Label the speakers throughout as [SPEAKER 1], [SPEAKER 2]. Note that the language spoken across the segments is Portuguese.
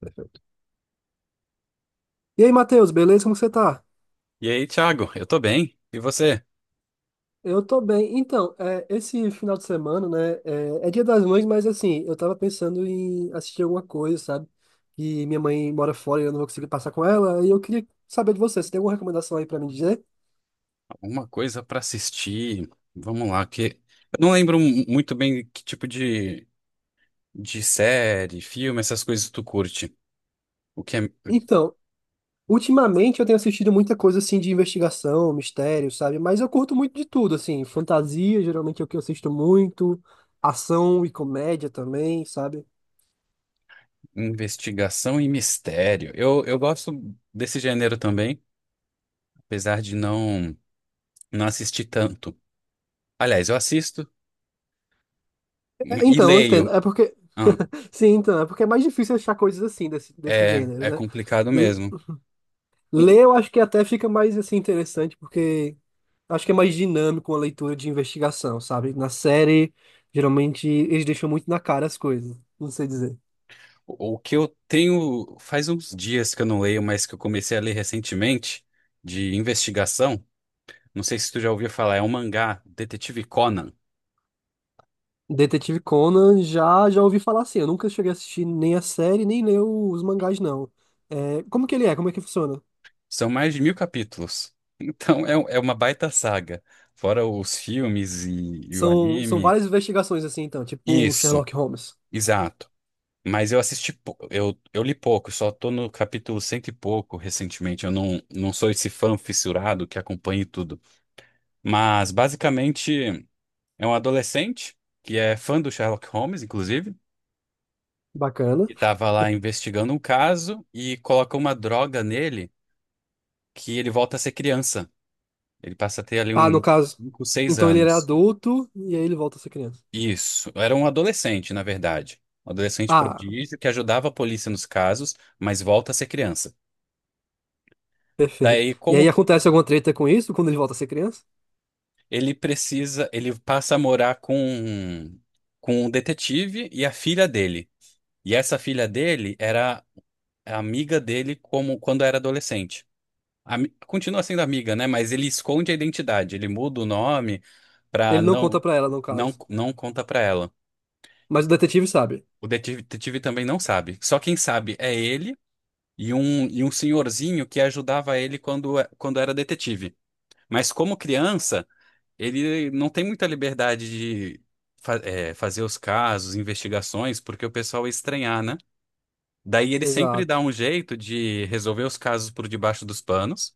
[SPEAKER 1] Perfeito. E aí, Matheus, beleza? Como você tá?
[SPEAKER 2] E aí, Thiago, eu tô bem. E você?
[SPEAKER 1] Eu tô bem. Então, esse final de semana, né? É Dia das Mães, mas assim, eu tava pensando em assistir alguma coisa, sabe? E minha mãe mora fora e eu não vou conseguir passar com ela. E eu queria saber de você, você tem alguma recomendação aí pra me dizer?
[SPEAKER 2] Alguma coisa pra assistir? Vamos lá, que eu não lembro muito bem que tipo de série, filme, essas coisas tu curte. O que é
[SPEAKER 1] Então, ultimamente eu tenho assistido muita coisa assim de investigação, mistério, sabe? Mas eu curto muito de tudo, assim. Fantasia, geralmente é o que eu assisto muito. Ação e comédia também, sabe?
[SPEAKER 2] investigação e mistério. Eu gosto desse gênero também, apesar de não assistir tanto. Aliás, eu assisto
[SPEAKER 1] É,
[SPEAKER 2] e
[SPEAKER 1] então, eu
[SPEAKER 2] leio.
[SPEAKER 1] entendo. É porque
[SPEAKER 2] Ah,
[SPEAKER 1] sim, então, é porque é mais difícil achar coisas assim, desse
[SPEAKER 2] é.
[SPEAKER 1] gênero,
[SPEAKER 2] É
[SPEAKER 1] né?
[SPEAKER 2] complicado
[SPEAKER 1] L-
[SPEAKER 2] mesmo. Um,
[SPEAKER 1] Ler eu acho que até fica mais assim interessante, porque acho que é mais dinâmico uma leitura de investigação, sabe? Na série, geralmente eles deixam muito na cara as coisas, não sei dizer.
[SPEAKER 2] O que eu tenho faz uns dias que eu não leio, mas que eu comecei a ler recentemente, de investigação. Não sei se tu já ouviu falar, é um mangá, Detetive Conan.
[SPEAKER 1] Detetive Conan já já ouvi falar assim, eu nunca cheguei a assistir nem a série, nem ler os mangás, não. É, como que ele é? Como é que funciona?
[SPEAKER 2] São mais de 1000 capítulos. Então é uma baita saga. Fora os filmes e o
[SPEAKER 1] São
[SPEAKER 2] anime.
[SPEAKER 1] várias investigações assim, então, tipo um
[SPEAKER 2] Isso,
[SPEAKER 1] Sherlock Holmes.
[SPEAKER 2] exato. Mas eu assisti, eu li pouco, só tô no capítulo 100 e pouco recentemente. Eu não sou esse fã fissurado que acompanha tudo. Mas basicamente. É um adolescente que é fã do Sherlock Holmes, inclusive,
[SPEAKER 1] Bacana.
[SPEAKER 2] e estava lá investigando um caso e coloca uma droga nele que ele volta a ser criança. Ele passa a ter ali
[SPEAKER 1] Ah, no
[SPEAKER 2] uns
[SPEAKER 1] caso,
[SPEAKER 2] 5, 6
[SPEAKER 1] então ele era
[SPEAKER 2] anos.
[SPEAKER 1] adulto e aí ele volta a ser criança.
[SPEAKER 2] Isso. Era um adolescente, na verdade. Um adolescente
[SPEAKER 1] Ah,
[SPEAKER 2] prodígio que ajudava a polícia nos casos, mas volta a ser criança.
[SPEAKER 1] perfeito.
[SPEAKER 2] Daí,
[SPEAKER 1] E
[SPEAKER 2] como
[SPEAKER 1] aí
[SPEAKER 2] que
[SPEAKER 1] acontece alguma treta com isso quando ele volta a ser criança?
[SPEAKER 2] ele precisa, ele passa a morar com um detetive e a filha dele. E essa filha dele era amiga dele como quando era adolescente. Continua sendo amiga, né? Mas ele esconde a identidade, ele muda o nome pra
[SPEAKER 1] Ele não
[SPEAKER 2] não
[SPEAKER 1] conta pra ela, no
[SPEAKER 2] não
[SPEAKER 1] caso.
[SPEAKER 2] não conta pra ela.
[SPEAKER 1] Mas o detetive sabe.
[SPEAKER 2] O detetive também não sabe. Só quem sabe é ele e um senhorzinho que ajudava ele quando era detetive. Mas como criança, ele não tem muita liberdade de fazer os casos, investigações, porque o pessoal ia estranhar, né? Daí ele sempre
[SPEAKER 1] Exato.
[SPEAKER 2] dá um jeito de resolver os casos por debaixo dos panos.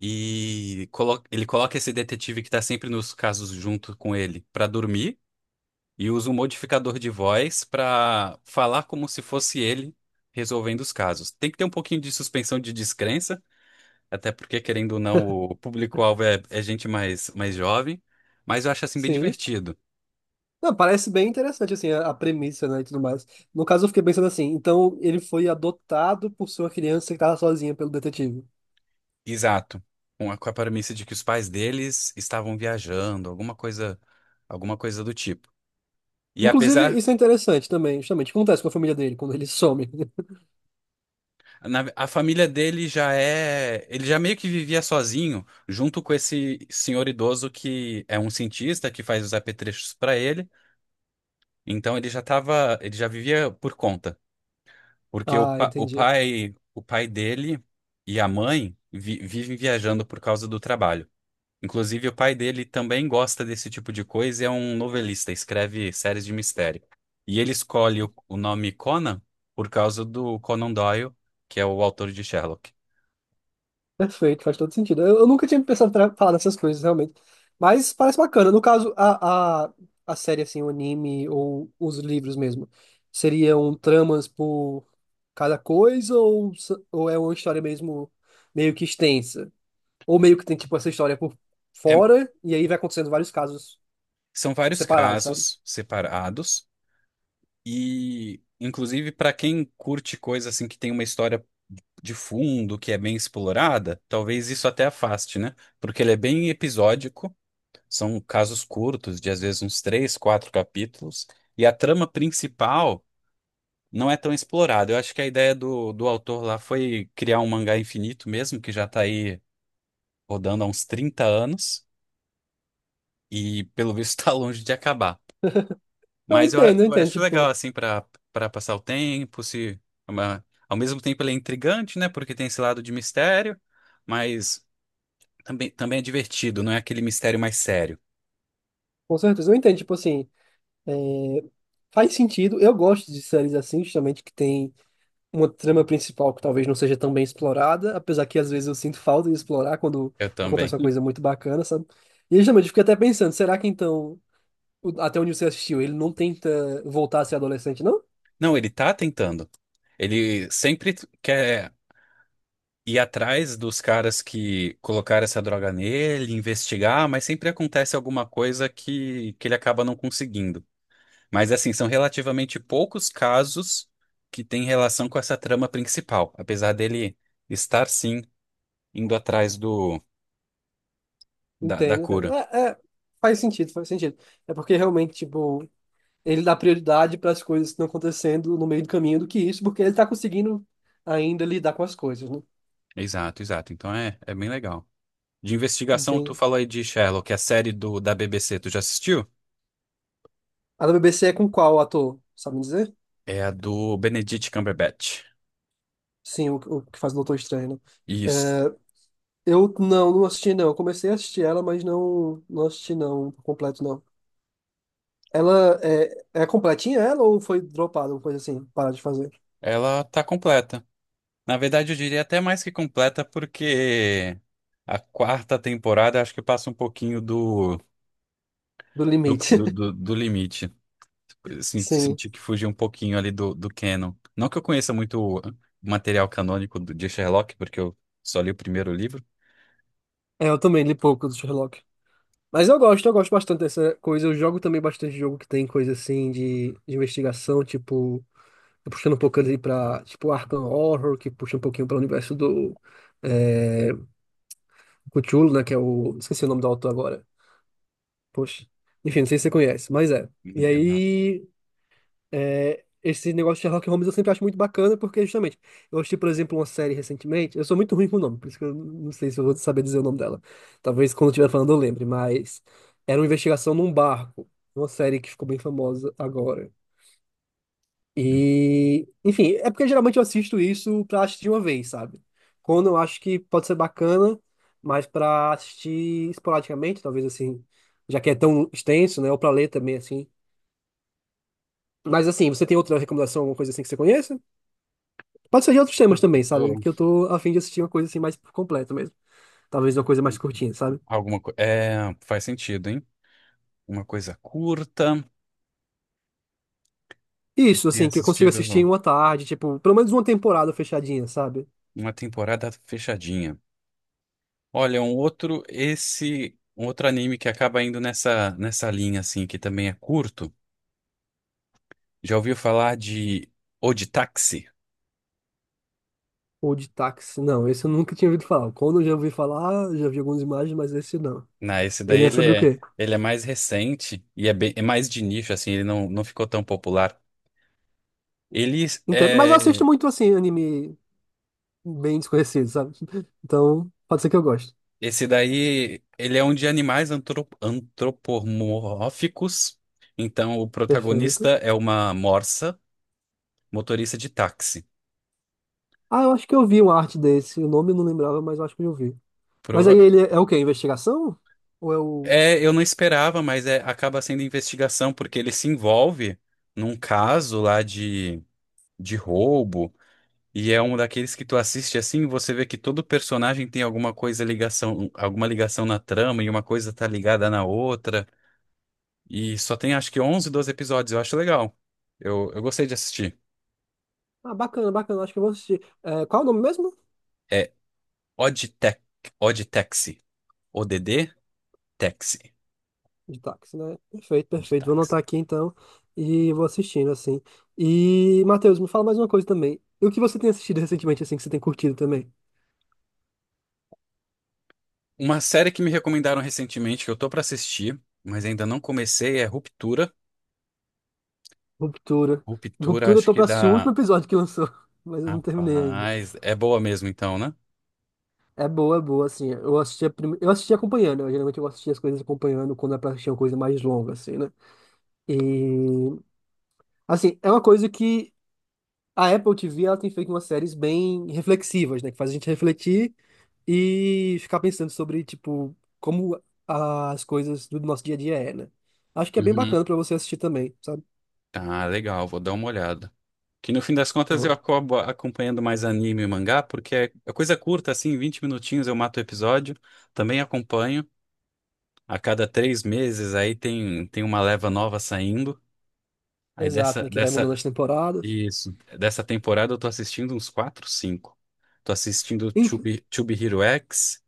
[SPEAKER 2] Ele coloca esse detetive que tá sempre nos casos junto com ele pra dormir e usa um modificador de voz pra falar como se fosse ele resolvendo os casos. Tem que ter um pouquinho de suspensão de descrença, até porque, querendo ou não, o público-alvo é gente mais jovem, mas eu acho assim bem
[SPEAKER 1] Sim.
[SPEAKER 2] divertido.
[SPEAKER 1] Não, parece bem interessante, assim, a premissa, né, e tudo mais. No caso, eu fiquei pensando assim, então ele foi adotado por sua criança que estava sozinha pelo detetive.
[SPEAKER 2] Exato. Com a premissa de que os pais deles estavam viajando, alguma coisa do tipo. E
[SPEAKER 1] Inclusive,
[SPEAKER 2] apesar
[SPEAKER 1] isso é interessante também, justamente. O que acontece com a família dele quando ele some?
[SPEAKER 2] a família dele já é. Ele já meio que vivia sozinho, junto com esse senhor idoso que é um cientista que faz os apetrechos para ele. Então ele já tava. Ele já vivia por conta. Porque o,
[SPEAKER 1] Ah,
[SPEAKER 2] pa- o
[SPEAKER 1] entendi.
[SPEAKER 2] pai, o pai dele e a mãe vivem viajando por causa do trabalho. Inclusive, o pai dele também gosta desse tipo de coisa e é um novelista, escreve séries de mistério. E ele escolhe o nome Conan por causa do Conan Doyle, que é o autor de Sherlock.
[SPEAKER 1] Perfeito, faz todo sentido. Eu nunca tinha pensado pra falar dessas coisas, realmente. Mas parece bacana. No caso, a série, assim, o anime ou os livros mesmo, seriam tramas por cada coisa ou, ou é uma história mesmo meio que extensa? Ou meio que tem, tipo, essa história por
[SPEAKER 2] É.
[SPEAKER 1] fora e aí vai acontecendo vários casos
[SPEAKER 2] São vários
[SPEAKER 1] separados, sabe?
[SPEAKER 2] casos separados e, inclusive, para quem curte coisa assim que tem uma história de fundo, que é bem explorada, talvez isso até afaste, né? Porque ele é bem episódico, são casos curtos, de às vezes uns três, quatro capítulos, e a trama principal não é tão explorada. Eu acho que a ideia do autor lá foi criar um mangá infinito mesmo, que já está aí rodando há uns 30 anos, e pelo visto está longe de acabar.
[SPEAKER 1] Não, eu
[SPEAKER 2] Mas eu, a-
[SPEAKER 1] entendo, eu
[SPEAKER 2] eu
[SPEAKER 1] entendo,
[SPEAKER 2] acho legal,
[SPEAKER 1] tipo,
[SPEAKER 2] assim, para passar o tempo, se é uma- ao mesmo tempo ele é intrigante, né? Porque tem esse lado de mistério, mas também é divertido, não é aquele mistério mais sério.
[SPEAKER 1] com certeza. Eu entendo, tipo, assim, faz sentido. Eu gosto de séries assim, justamente, que tem uma trama principal que talvez não seja tão bem explorada, apesar que às vezes eu sinto falta de explorar quando
[SPEAKER 2] Eu também.
[SPEAKER 1] acontece uma coisa muito bacana, sabe? E justamente eu fiquei até pensando, será que então, até onde você assistiu, ele não tenta voltar a ser adolescente, não?
[SPEAKER 2] Não, ele tá tentando. Ele sempre quer ir atrás dos caras que colocaram essa droga nele, investigar, mas sempre acontece alguma coisa que ele acaba não conseguindo. Mas assim, são relativamente poucos casos que têm relação com essa trama principal, apesar dele estar sim indo atrás da
[SPEAKER 1] Entendo.
[SPEAKER 2] cura.
[SPEAKER 1] Faz sentido. É porque realmente, tipo, ele dá prioridade para as coisas que estão acontecendo no meio do caminho do que isso, porque ele está conseguindo ainda lidar com as coisas, né?
[SPEAKER 2] Exato, exato. Então é bem legal. De investigação, tu
[SPEAKER 1] Entende?
[SPEAKER 2] falou aí de Sherlock, a série do da BBC, tu já assistiu?
[SPEAKER 1] A da BBC é com qual ator? Sabe me dizer?
[SPEAKER 2] É a do Benedict Cumberbatch.
[SPEAKER 1] Sim, o que faz o Doutor Estranho, né?
[SPEAKER 2] Isso.
[SPEAKER 1] É, eu não assisti não. Eu comecei a assistir ela, mas não assisti não, por completo não. Ela é completinha ela ou foi dropada, uma coisa assim, parar de fazer?
[SPEAKER 2] Ela tá completa. Na verdade, eu diria até mais que completa, porque a quarta temporada acho que passa um pouquinho do,
[SPEAKER 1] Do
[SPEAKER 2] do, do,
[SPEAKER 1] limite.
[SPEAKER 2] do do limite.
[SPEAKER 1] Sim.
[SPEAKER 2] Senti que fugiu um pouquinho ali do canon. Não que eu conheça muito material canônico de Sherlock, porque eu só li o primeiro livro.
[SPEAKER 1] É, eu também li pouco do Sherlock. Mas eu gosto bastante dessa coisa. Eu jogo também bastante jogo que tem coisa assim de investigação, tipo puxando um pouco ali pra, tipo, Arkham Horror, que puxa um pouquinho para o universo do é, Cthulhu, né, que é o... Esqueci o nome do autor agora. Poxa. Enfim, não sei se você conhece, mas é. E
[SPEAKER 2] Eu não.
[SPEAKER 1] aí, é, esse negócio de Sherlock Holmes eu sempre acho muito bacana, porque justamente, eu assisti, por exemplo, uma série recentemente, eu sou muito ruim com o nome, por isso que eu não sei se eu vou saber dizer o nome dela. Talvez quando eu estiver falando eu lembre, mas era uma investigação num barco, uma série que ficou bem famosa agora.
[SPEAKER 2] Hum.
[SPEAKER 1] E, enfim, é porque geralmente eu assisto isso pra assistir uma vez, sabe? Quando eu acho que pode ser bacana, mas pra assistir esporadicamente, talvez assim, já que é tão extenso, né? Ou pra ler também, assim. Mas assim, você tem outra recomendação, alguma coisa assim que você conheça? Pode ser de outros temas também, sabe?
[SPEAKER 2] Tô-
[SPEAKER 1] Que eu tô a fim de assistir uma coisa assim mais por completo mesmo. Talvez uma coisa mais curtinha, sabe?
[SPEAKER 2] Alguma coisa. É, faz sentido, hein? Uma coisa curta, que eu
[SPEAKER 1] Isso,
[SPEAKER 2] tenha
[SPEAKER 1] assim, que eu consiga
[SPEAKER 2] assistido
[SPEAKER 1] assistir em uma tarde, tipo, pelo menos uma temporada fechadinha, sabe?
[SPEAKER 2] uma temporada fechadinha. Olha, um outro, esse, um outro anime que acaba indo nessa linha, assim, que também é curto. Já ouviu falar de Oditaxi?
[SPEAKER 1] Ou de táxi. Não, esse eu nunca tinha ouvido falar. Quando eu já ouvi falar, já vi algumas imagens, mas esse não.
[SPEAKER 2] Não, esse daí
[SPEAKER 1] Ele é
[SPEAKER 2] ele
[SPEAKER 1] sobre o
[SPEAKER 2] é,
[SPEAKER 1] quê?
[SPEAKER 2] ele é mais recente e é, bem, é mais de nicho, assim, ele não ficou tão popular. Ele
[SPEAKER 1] Entendo. Mas eu assisto
[SPEAKER 2] é,
[SPEAKER 1] muito, assim, anime bem desconhecido, sabe? Então, pode ser que eu goste.
[SPEAKER 2] esse daí, ele é um de animais antropomórficos. Então, o protagonista
[SPEAKER 1] Perfeito.
[SPEAKER 2] é uma morsa, motorista de táxi.
[SPEAKER 1] Ah, eu acho que eu vi uma arte desse. O nome eu não lembrava, mas eu acho que eu vi. Mas aí
[SPEAKER 2] Prova-
[SPEAKER 1] ele é o quê? Investigação? Ou é o.
[SPEAKER 2] eu não esperava, mas acaba sendo investigação, porque ele se envolve num caso lá de roubo. E é um daqueles que tu assiste assim, você vê que todo personagem tem alguma ligação na trama e uma coisa tá ligada na outra. E só tem acho que 11 12 episódios, eu acho legal. Eu gostei de assistir.
[SPEAKER 1] Ah, bacana, bacana. Acho que eu vou assistir. É, qual é o nome mesmo?
[SPEAKER 2] É Oddtech, Oddtaxi, Odd Taxi,
[SPEAKER 1] De táxi, né? Perfeito, perfeito. Vou
[SPEAKER 2] Oddtaxi.
[SPEAKER 1] anotar aqui então e vou assistindo, assim. E, Matheus, me fala mais uma coisa também. E o que você tem assistido recentemente, assim, que você tem curtido também?
[SPEAKER 2] Uma série que me recomendaram recentemente que eu tô pra assistir, mas ainda não comecei é Ruptura.
[SPEAKER 1] Ruptura.
[SPEAKER 2] Ruptura
[SPEAKER 1] Ruptura, eu
[SPEAKER 2] acho
[SPEAKER 1] tô
[SPEAKER 2] que
[SPEAKER 1] pra assistir o último
[SPEAKER 2] dá,
[SPEAKER 1] episódio que lançou, mas eu não terminei ainda.
[SPEAKER 2] rapaz, é boa mesmo então, né?
[SPEAKER 1] É boa, assim. Eu assistia, eu assistia acompanhando. Eu, geralmente eu assistia as coisas acompanhando quando é pra assistir uma coisa mais longa, assim, né? E, assim, é uma coisa que a Apple TV, ela tem feito umas séries bem reflexivas, né? Que faz a gente refletir e ficar pensando sobre, tipo, como as coisas do nosso dia a dia é, né? Acho que é bem
[SPEAKER 2] Uhum.
[SPEAKER 1] bacana pra você assistir também, sabe?
[SPEAKER 2] Tá, legal, vou dar uma olhada. Que no fim das contas eu
[SPEAKER 1] Pronto.
[SPEAKER 2] acabo acompanhando mais anime e mangá, porque é coisa curta, assim, 20 minutinhos eu mato o episódio. Também acompanho. A cada 3 meses aí tem uma leva nova saindo. Aí
[SPEAKER 1] Exato, né? Que vai mudando as temporadas.
[SPEAKER 2] isso, dessa temporada eu tô assistindo uns 4 cinco. Tô assistindo
[SPEAKER 1] Em-
[SPEAKER 2] Tube, Tube Hero X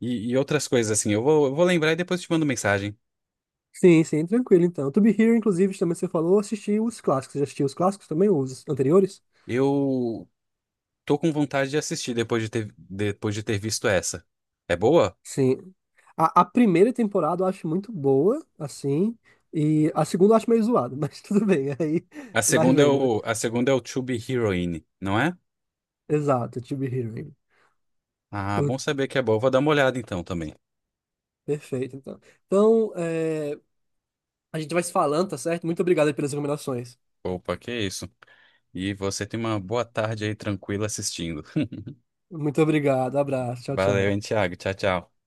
[SPEAKER 2] e outras coisas assim. Eu vou lembrar e depois te mando mensagem.
[SPEAKER 1] Sim, sim, tranquilo, então. To Be Here, inclusive, também você falou, assisti os clássicos. Você já assistiu os clássicos também, os anteriores?
[SPEAKER 2] Eu tô com vontade de assistir depois de ter visto essa. É boa?
[SPEAKER 1] Sim. A primeira temporada eu acho muito boa, assim, e a segunda eu acho meio zoada, mas tudo bem, aí
[SPEAKER 2] A
[SPEAKER 1] vai
[SPEAKER 2] segunda é
[SPEAKER 1] vendo, né?
[SPEAKER 2] o, a segunda é o To Be Heroine, não é?
[SPEAKER 1] Exato, To Be Hearing.
[SPEAKER 2] Ah, bom saber que é boa. Vou dar uma olhada então também.
[SPEAKER 1] Perfeito, então. Então, é, a gente vai se falando, tá certo? Muito obrigado aí pelas recomendações.
[SPEAKER 2] Opa, que isso. E você tem uma boa tarde aí tranquila assistindo.
[SPEAKER 1] Muito obrigado, abraço, tchau,
[SPEAKER 2] Valeu, hein,
[SPEAKER 1] tchau.
[SPEAKER 2] Thiago. Tchau, tchau.